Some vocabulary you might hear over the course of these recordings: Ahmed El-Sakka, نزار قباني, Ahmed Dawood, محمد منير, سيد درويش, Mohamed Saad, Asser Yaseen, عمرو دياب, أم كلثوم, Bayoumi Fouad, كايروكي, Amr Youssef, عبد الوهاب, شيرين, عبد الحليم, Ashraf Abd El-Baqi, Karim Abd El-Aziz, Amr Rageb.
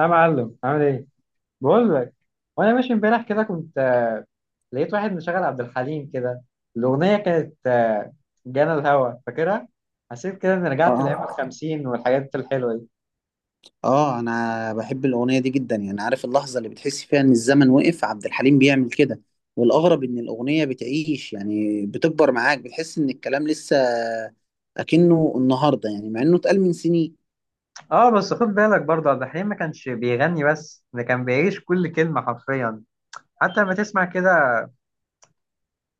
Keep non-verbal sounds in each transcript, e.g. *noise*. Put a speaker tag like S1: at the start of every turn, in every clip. S1: يا معلم، عامل ايه؟ بقول لك. وانا ماشي امبارح كده كنت لقيت واحد مشغل عبد الحليم كده، الاغنيه كانت جانا الهوى، فاكرها؟ حسيت كده اني رجعت
S2: اه
S1: لايام الخمسين والحاجات الحلوه دي.
S2: اه، انا بحب الاغنيه دي جدا. يعني عارف اللحظه اللي بتحس فيها ان الزمن وقف، عبد الحليم بيعمل كده. والاغرب ان الاغنيه بتعيش، يعني بتكبر معاك، بتحس ان الكلام لسه اكنه النهارده، يعني مع انه اتقال من سنين.
S1: اه، بس خد بالك برضه، عبد الحليم ما كانش بيغني بس، ده كان بيعيش كل كلمه حرفيا. حتى لما تسمع كده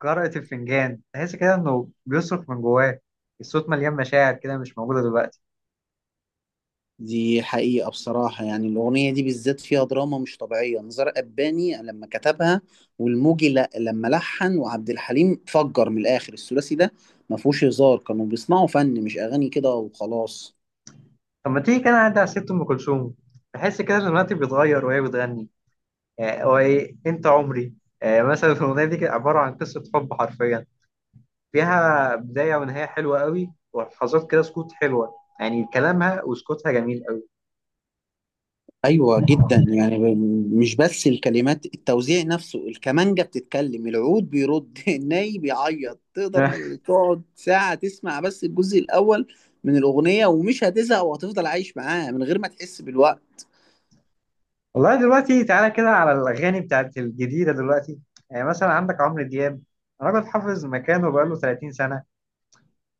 S1: قراءة الفنجان تحس كده انه بيصرخ من جواه. الصوت مليان مشاعر كده، مش موجوده دلوقتي.
S2: دي حقيقة بصراحة، يعني الأغنية دي بالذات فيها دراما مش طبيعية. نزار قباني لما كتبها والموجي لا لما لحن وعبد الحليم فجر من الآخر، الثلاثي ده ما فيهوش هزار، كانوا بيسمعوا فن مش أغاني كده وخلاص.
S1: طب ما تيجي كده نعدي على ست ام كلثوم. تحس كده ان الوقت بيتغير وهي بتغني. يعني هو ايه؟ انت عمري. مثلا الاغنيه دي كانت عباره عن قصه حب حرفيا، فيها بدايه ونهايه حلوه قوي ولحظات كده سكوت حلوه. يعني كلامها وسكوتها جميل قوي.
S2: أيوة جدا، يعني مش بس الكلمات، التوزيع نفسه، الكمانجة بتتكلم، العود بيرد *laughs* الناي بيعيط. تقدر
S1: *laughs*
S2: تقعد ساعة تسمع بس الجزء الأول من الأغنية ومش هتزهق، وهتفضل عايش معاها من غير ما تحس بالوقت.
S1: والله دلوقتي، تعالى كده على الاغاني بتاعت الجديده دلوقتي. يعني مثلا عندك عمرو دياب، راجل حافظ مكانه بقاله 30 سنه.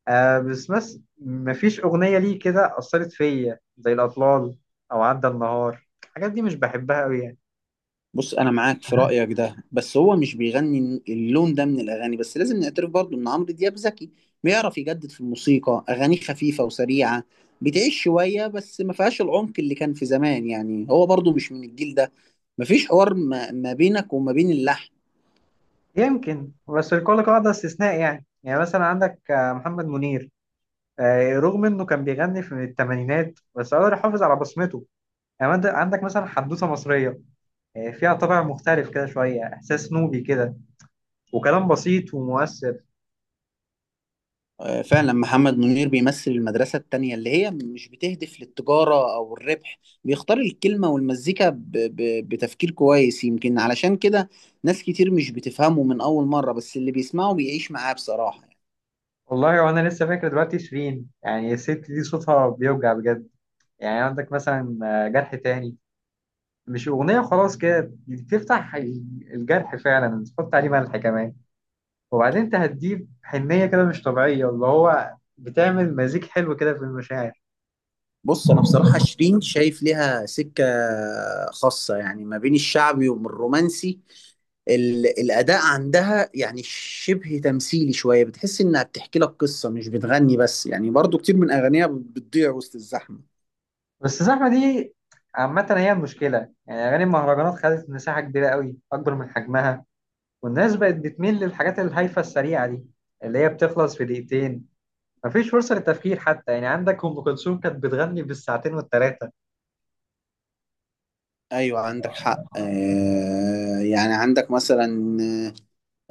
S1: آه، بس مفيش اغنيه ليه كده اثرت فيا زي الاطلال، او عدى النهار. الحاجات دي مش بحبها قوي يعني.
S2: بص انا معاك في رايك ده، بس هو مش بيغني اللون ده من الاغاني. بس لازم نعترف برضو ان عمرو دياب ذكي، بيعرف يجدد في الموسيقى. اغانيه خفيفه وسريعه، بتعيش شويه، بس ما فيهاش العمق اللي كان في زمان. يعني هو برضو مش من الجيل ده، مفيش حوار ما بينك وما بين اللحن.
S1: يمكن، بس لكل قاعدة استثناء. يعني مثلا عندك محمد منير. رغم انه كان بيغني في الثمانينات بس قدر يحافظ على بصمته. يعني عندك مثلا حدوثة مصرية، فيها طابع مختلف كده، شوية احساس نوبي كده، وكلام بسيط ومؤثر.
S2: آه، فعلا محمد منير بيمثل المدرسة التانية اللي هي مش بتهدف للتجارة أو الربح. بيختار الكلمة والمزيكا بتفكير كويس. يمكن علشان كده ناس كتير مش بتفهمه من أول مرة، بس اللي بيسمعه بيعيش معاه بصراحة يعني.
S1: والله وانا لسه فاكر دلوقتي شيرين، يعني الست دي صوتها بيوجع بجد. يعني عندك مثلا جرح تاني، مش أغنية خلاص كده، بتفتح الجرح فعلا، تحط عليه ملح كمان. وبعدين انت هتجيب حنية كده مش طبيعية، اللي هو بتعمل مزيج حلو كده في المشاعر.
S2: بص أنا بصراحة شيرين شايف ليها سكة خاصة، يعني ما بين الشعبي ومن الرومانسي. الأداء عندها يعني شبه تمثيلي شوية، بتحس إنها بتحكي لك قصة مش بتغني بس. يعني برضو كتير من أغانيها بتضيع وسط الزحمة.
S1: بس الزحمة دي عامة هي المشكلة، يعني أغاني المهرجانات خدت مساحة كبيرة قوي أكبر من حجمها. والناس بقت بتميل للحاجات الهايفة السريعة دي اللي هي بتخلص في دقيقتين. مفيش فرصة للتفكير حتى، يعني عندك أم كلثوم كانت بتغني بالساعتين والتلاتة.
S2: ايوه عندك حق. آه، يعني عندك مثلا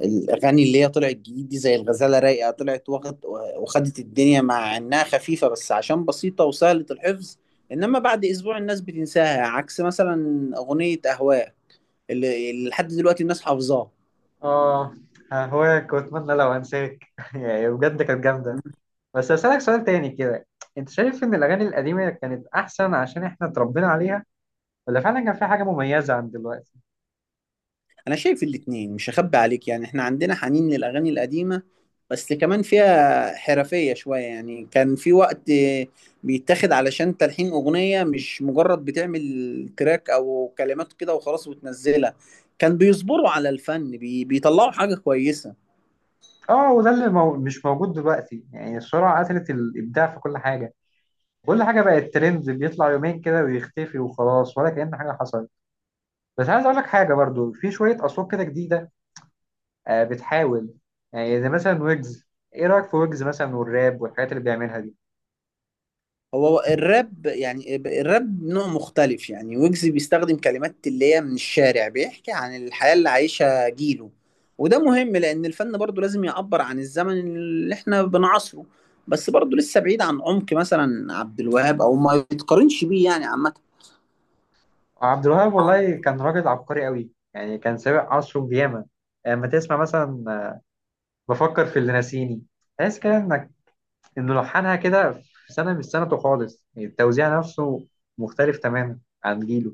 S2: آه، الاغاني اللي هي طلعت جديد دي، زي الغزاله رايقه، طلعت واخد وخدت الدنيا مع انها خفيفه، بس عشان بسيطه وسهله الحفظ. انما بعد اسبوع الناس بتنساها، عكس مثلا اغنيه اهواء اللي لحد دلوقتي الناس حافظاها.
S1: آه، هواك وأتمنى لو أنساك. *laughs* يعني بجد كانت جامدة. بس أسألك سؤال تاني كده، أنت شايف إن الأغاني القديمة كانت أحسن عشان إحنا اتربينا عليها، ولا فعلا كان في حاجة مميزة عن دلوقتي؟
S2: انا شايف الاتنين، مش هخبي عليك. يعني احنا عندنا حنين للاغاني القديمه، بس كمان فيها حرفيه شويه. يعني كان في وقت بيتاخد علشان تلحين اغنيه، مش مجرد بتعمل تراك او كلمات كده وخلاص وتنزلها. كان بيصبروا على الفن بي بيطلعوا حاجه كويسه.
S1: اه، وده اللي مش موجود دلوقتي، يعني السرعة قتلت الإبداع في كل حاجة. كل حاجة بقت ترند، بيطلع يومين كده ويختفي وخلاص، ولا كأن حاجة حصلت. بس عايز أقول لك حاجة برضو، في شوية أصوات كده جديدة آه بتحاول، يعني زي مثلا ويجز. إيه رأيك في ويجز مثلا والراب والحاجات اللي بيعملها دي؟
S2: هو الراب، يعني الراب نوع مختلف. يعني ويجز بيستخدم كلمات اللي هي من الشارع، بيحكي عن الحياة اللي عايشها جيله. وده مهم لأن الفن برضه لازم يعبر عن الزمن اللي احنا بنعاصره. بس برضه لسه بعيد عن عمق مثلا عبد الوهاب، أو ما يتقارنش بيه يعني عامة.
S1: عبد الوهاب والله كان راجل عبقري قوي، يعني كان سابق عصره بياما. لما تسمع مثلا بفكر في اللي ناسيني، تحس كده إنك انه لحنها كده في سنه مش سنته خالص، يعني التوزيع نفسه مختلف تماما عن جيله.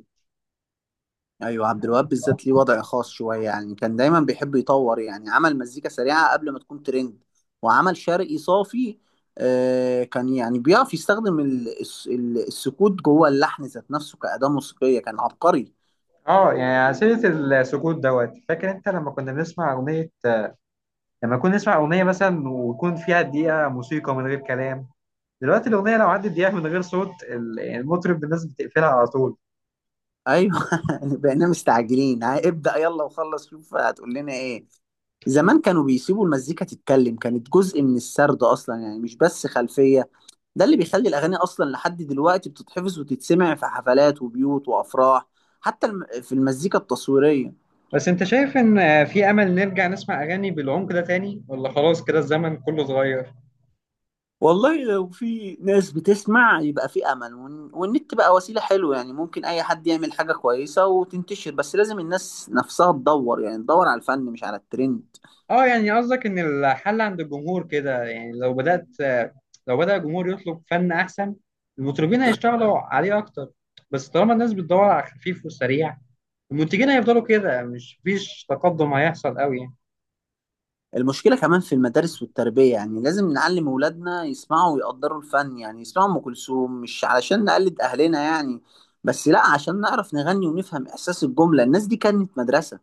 S2: ايوه عبد الوهاب بالذات ليه وضع خاص شويه. يعني كان دايما بيحب يطور، يعني عمل مزيكا سريعه قبل ما تكون ترند، وعمل شرقي صافي. آه كان يعني بيعرف يستخدم السكوت جوه اللحن ذات نفسه كأداة موسيقية، كان عبقري.
S1: اه يعني على سيره السكوت دوت، فاكر انت لما كنا بنسمع اغنيه، لما كنا نسمع اغنيه مثلا ويكون فيها دقيقه موسيقى من غير كلام؟ دلوقتي الاغنيه لو عدت دقيقه من غير صوت يعني المطرب، الناس بتقفلها على طول.
S2: ايوه *laughs* يعني بقينا مستعجلين، ها، ابدأ يلا وخلص شوف هتقول لنا ايه. زمان كانوا بيسيبوا المزيكا تتكلم، كانت جزء من السرد اصلا يعني، مش بس خلفية. ده اللي بيخلي الأغاني أصلا لحد دلوقتي بتتحفظ وتتسمع في حفلات وبيوت وأفراح، حتى في المزيكا التصويرية.
S1: بس انت شايف ان في امل نرجع نسمع اغاني بالعمق ده تاني، ولا خلاص كده الزمن كله اتغير؟
S2: والله لو في ناس بتسمع يبقى في أمل. والنت بقى وسيلة حلوة، يعني ممكن أي حد يعمل حاجة كويسة وتنتشر، بس لازم الناس نفسها تدور، يعني تدور على الفن مش على الترند.
S1: اه، يعني قصدك ان الحل عند الجمهور كده، يعني لو بدأت، لو بدأ الجمهور يطلب فن احسن المطربين هيشتغلوا عليه اكتر. بس طالما الناس بتدور على خفيف وسريع، المنتجين هيفضلوا كده، مش فيش تقدم هيحصل قوي يعني.
S2: المشكلة كمان في المدارس والتربية، يعني لازم نعلم أولادنا يسمعوا ويقدروا الفن. يعني يسمعوا أم كلثوم مش علشان نقلد أهلنا يعني، بس لا عشان نعرف نغني ونفهم إحساس الجملة. الناس دي كانت مدرسة.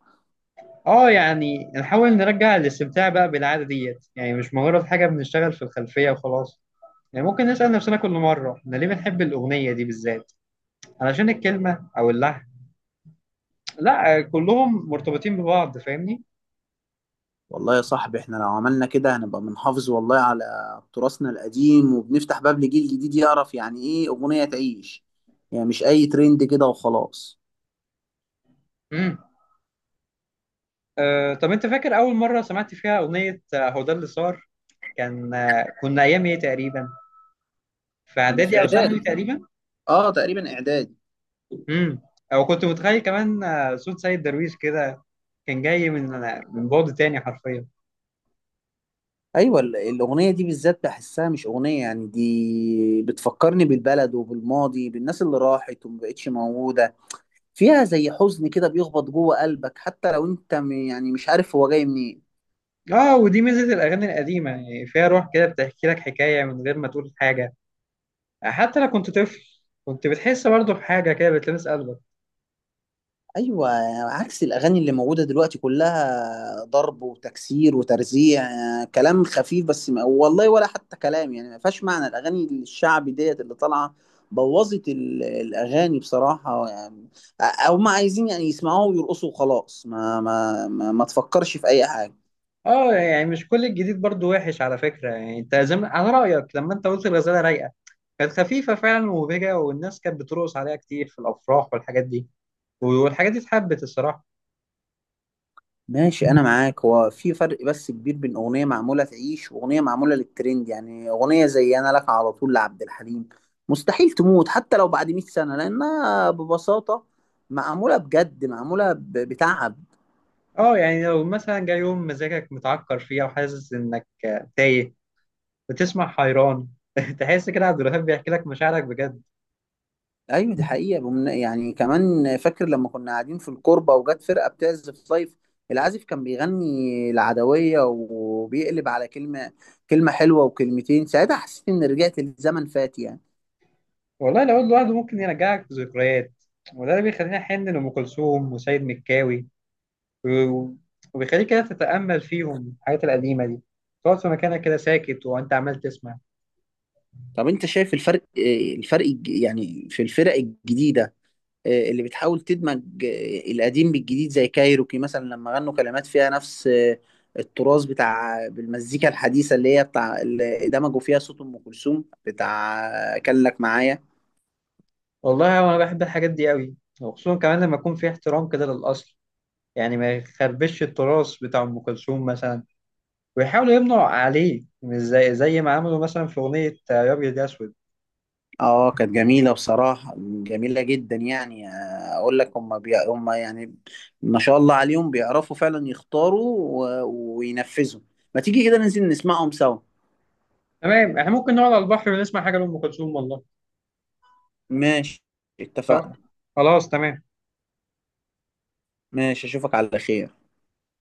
S1: اه يعني نحاول نرجع الاستمتاع بقى بالعادة ديت، يعني مش مجرد حاجة بنشتغل في الخلفية وخلاص. يعني ممكن نسأل نفسنا كل مرة احنا ليه بنحب الأغنية دي بالذات، علشان الكلمة او اللحن؟ لا، كلهم مرتبطين ببعض، فاهمني؟
S2: والله يا صاحبي إحنا لو عملنا كده هنبقى بنحافظ والله على تراثنا القديم، وبنفتح باب لجيل جديد يعرف يعني إيه أغنية تعيش، يعني مش أي ترند كده وخلاص.
S1: مم. أه، طب انت فاكر اول مره سمعت فيها اغنيه هو ده اللي صار؟ كان آه، كنا ايام ايه تقريبا؟ في
S2: كنا في
S1: اعدادي او ثانوي
S2: إعدادي،
S1: تقريبا.
S2: آه تقريبا إعدادي.
S1: امم او كنت متخيل كمان صوت سيد درويش كده، كان جاي من بعد تاني حرفيا.
S2: ايوه الاغنيه دي بالذات بحسها مش اغنيه، يعني دي بتفكرني بالبلد وبالماضي، بالناس اللي راحت ومبقتش موجوده. فيها زي حزن كده بيخبط جوه قلبك، حتى لو انت يعني مش عارف هو جاي منين.
S1: اه، ودي ميزه الاغاني القديمه، يعني فيها روح كده بتحكي لك حكايه من غير ما تقول حاجه. حتى لو كنت طفل كنت بتحس برضه بحاجه كده بتلمس قلبك.
S2: ايوه عكس الاغاني اللي موجوده دلوقتي، كلها ضرب وتكسير وترزيع، كلام خفيف، بس ما والله ولا حتى كلام. يعني ما فيهاش معنى. الاغاني الشعبي ديت اللي طالعه بوظت الاغاني بصراحه يعني. او ما عايزين يعني يسمعوها ويرقصوا وخلاص، ما تفكرش في اي حاجه.
S1: اه، يعني مش كل الجديد برضو وحش على فكرة، يعني انت زي على رأيك، لما انت قلت الغزالة رايقة كانت خفيفة فعلا ومبهجة، والناس كانت بترقص عليها كتير في الأفراح والحاجات دي، والحاجات دي اتحبت الصراحة.
S2: ماشي انا معاك، هو في فرق بس كبير بين اغنيه معموله تعيش واغنيه معموله للترند. يعني اغنيه زي انا لك على طول لعبد الحليم مستحيل تموت حتى لو بعد 100 سنه، لانها ببساطه معموله بجد، معموله بتعب.
S1: اه، يعني لو مثلا جاي يوم مزاجك متعكر فيه أو حاسس إنك تايه، بتسمع حيران *laughs* تحس كده عبد الوهاب بيحكي لك مشاعرك بجد.
S2: ايوه دي حقيقه. يعني كمان فاكر لما كنا قاعدين في الكوربه وجت فرقه بتعزف لايف، العازف كان بيغني العدويه، وبيقلب على كلمه كلمه حلوه وكلمتين. ساعتها حسيت ان رجعت لزمن فات يعني.
S1: والله لو لوحده ممكن يرجعك ذكريات، وده اللي بيخليني أحن لأم كلثوم وسيد مكاوي، و- وبيخليك كده تتأمل فيهم الحاجات القديمة دي، تقعد في مكانك كده ساكت وأنت عمال تسمع.
S2: طب انت شايف الفرق، آه، الفرق يعني في الفرق الجديدة، آه، اللي بتحاول تدمج آه، القديم بالجديد، زي كايروكي مثلا لما غنوا كلمات فيها نفس آه، التراث بتاع، بالمزيكا الحديثة اللي هي بتاع اللي دمجوا فيها صوت أم كلثوم بتاع آه، كان لك معايا.
S1: والله أنا بحب الحاجات دي قوي، وخصوصا كمان لما يكون في احترام كده للأصل، يعني ما يخربش التراث بتاع أم كلثوم مثلا، ويحاولوا يمنعوا عليه، مش زي ما عملوا مثلا في أغنية يا أبيض يا أسود.
S2: اه كانت جميلة بصراحة، جميلة جدا. يعني آه، اقول لك هم يعني ما شاء الله عليهم، بيعرفوا فعلا يختاروا وينفذوا. ما تيجي كده ننزل نسمعهم سوا.
S1: تمام، إحنا ممكن نقعد على البحر ونسمع حاجة لأم كلثوم والله.
S2: ماشي،
S1: آه،
S2: اتفقنا.
S1: خلاص تمام.
S2: ماشي، اشوفك على خير.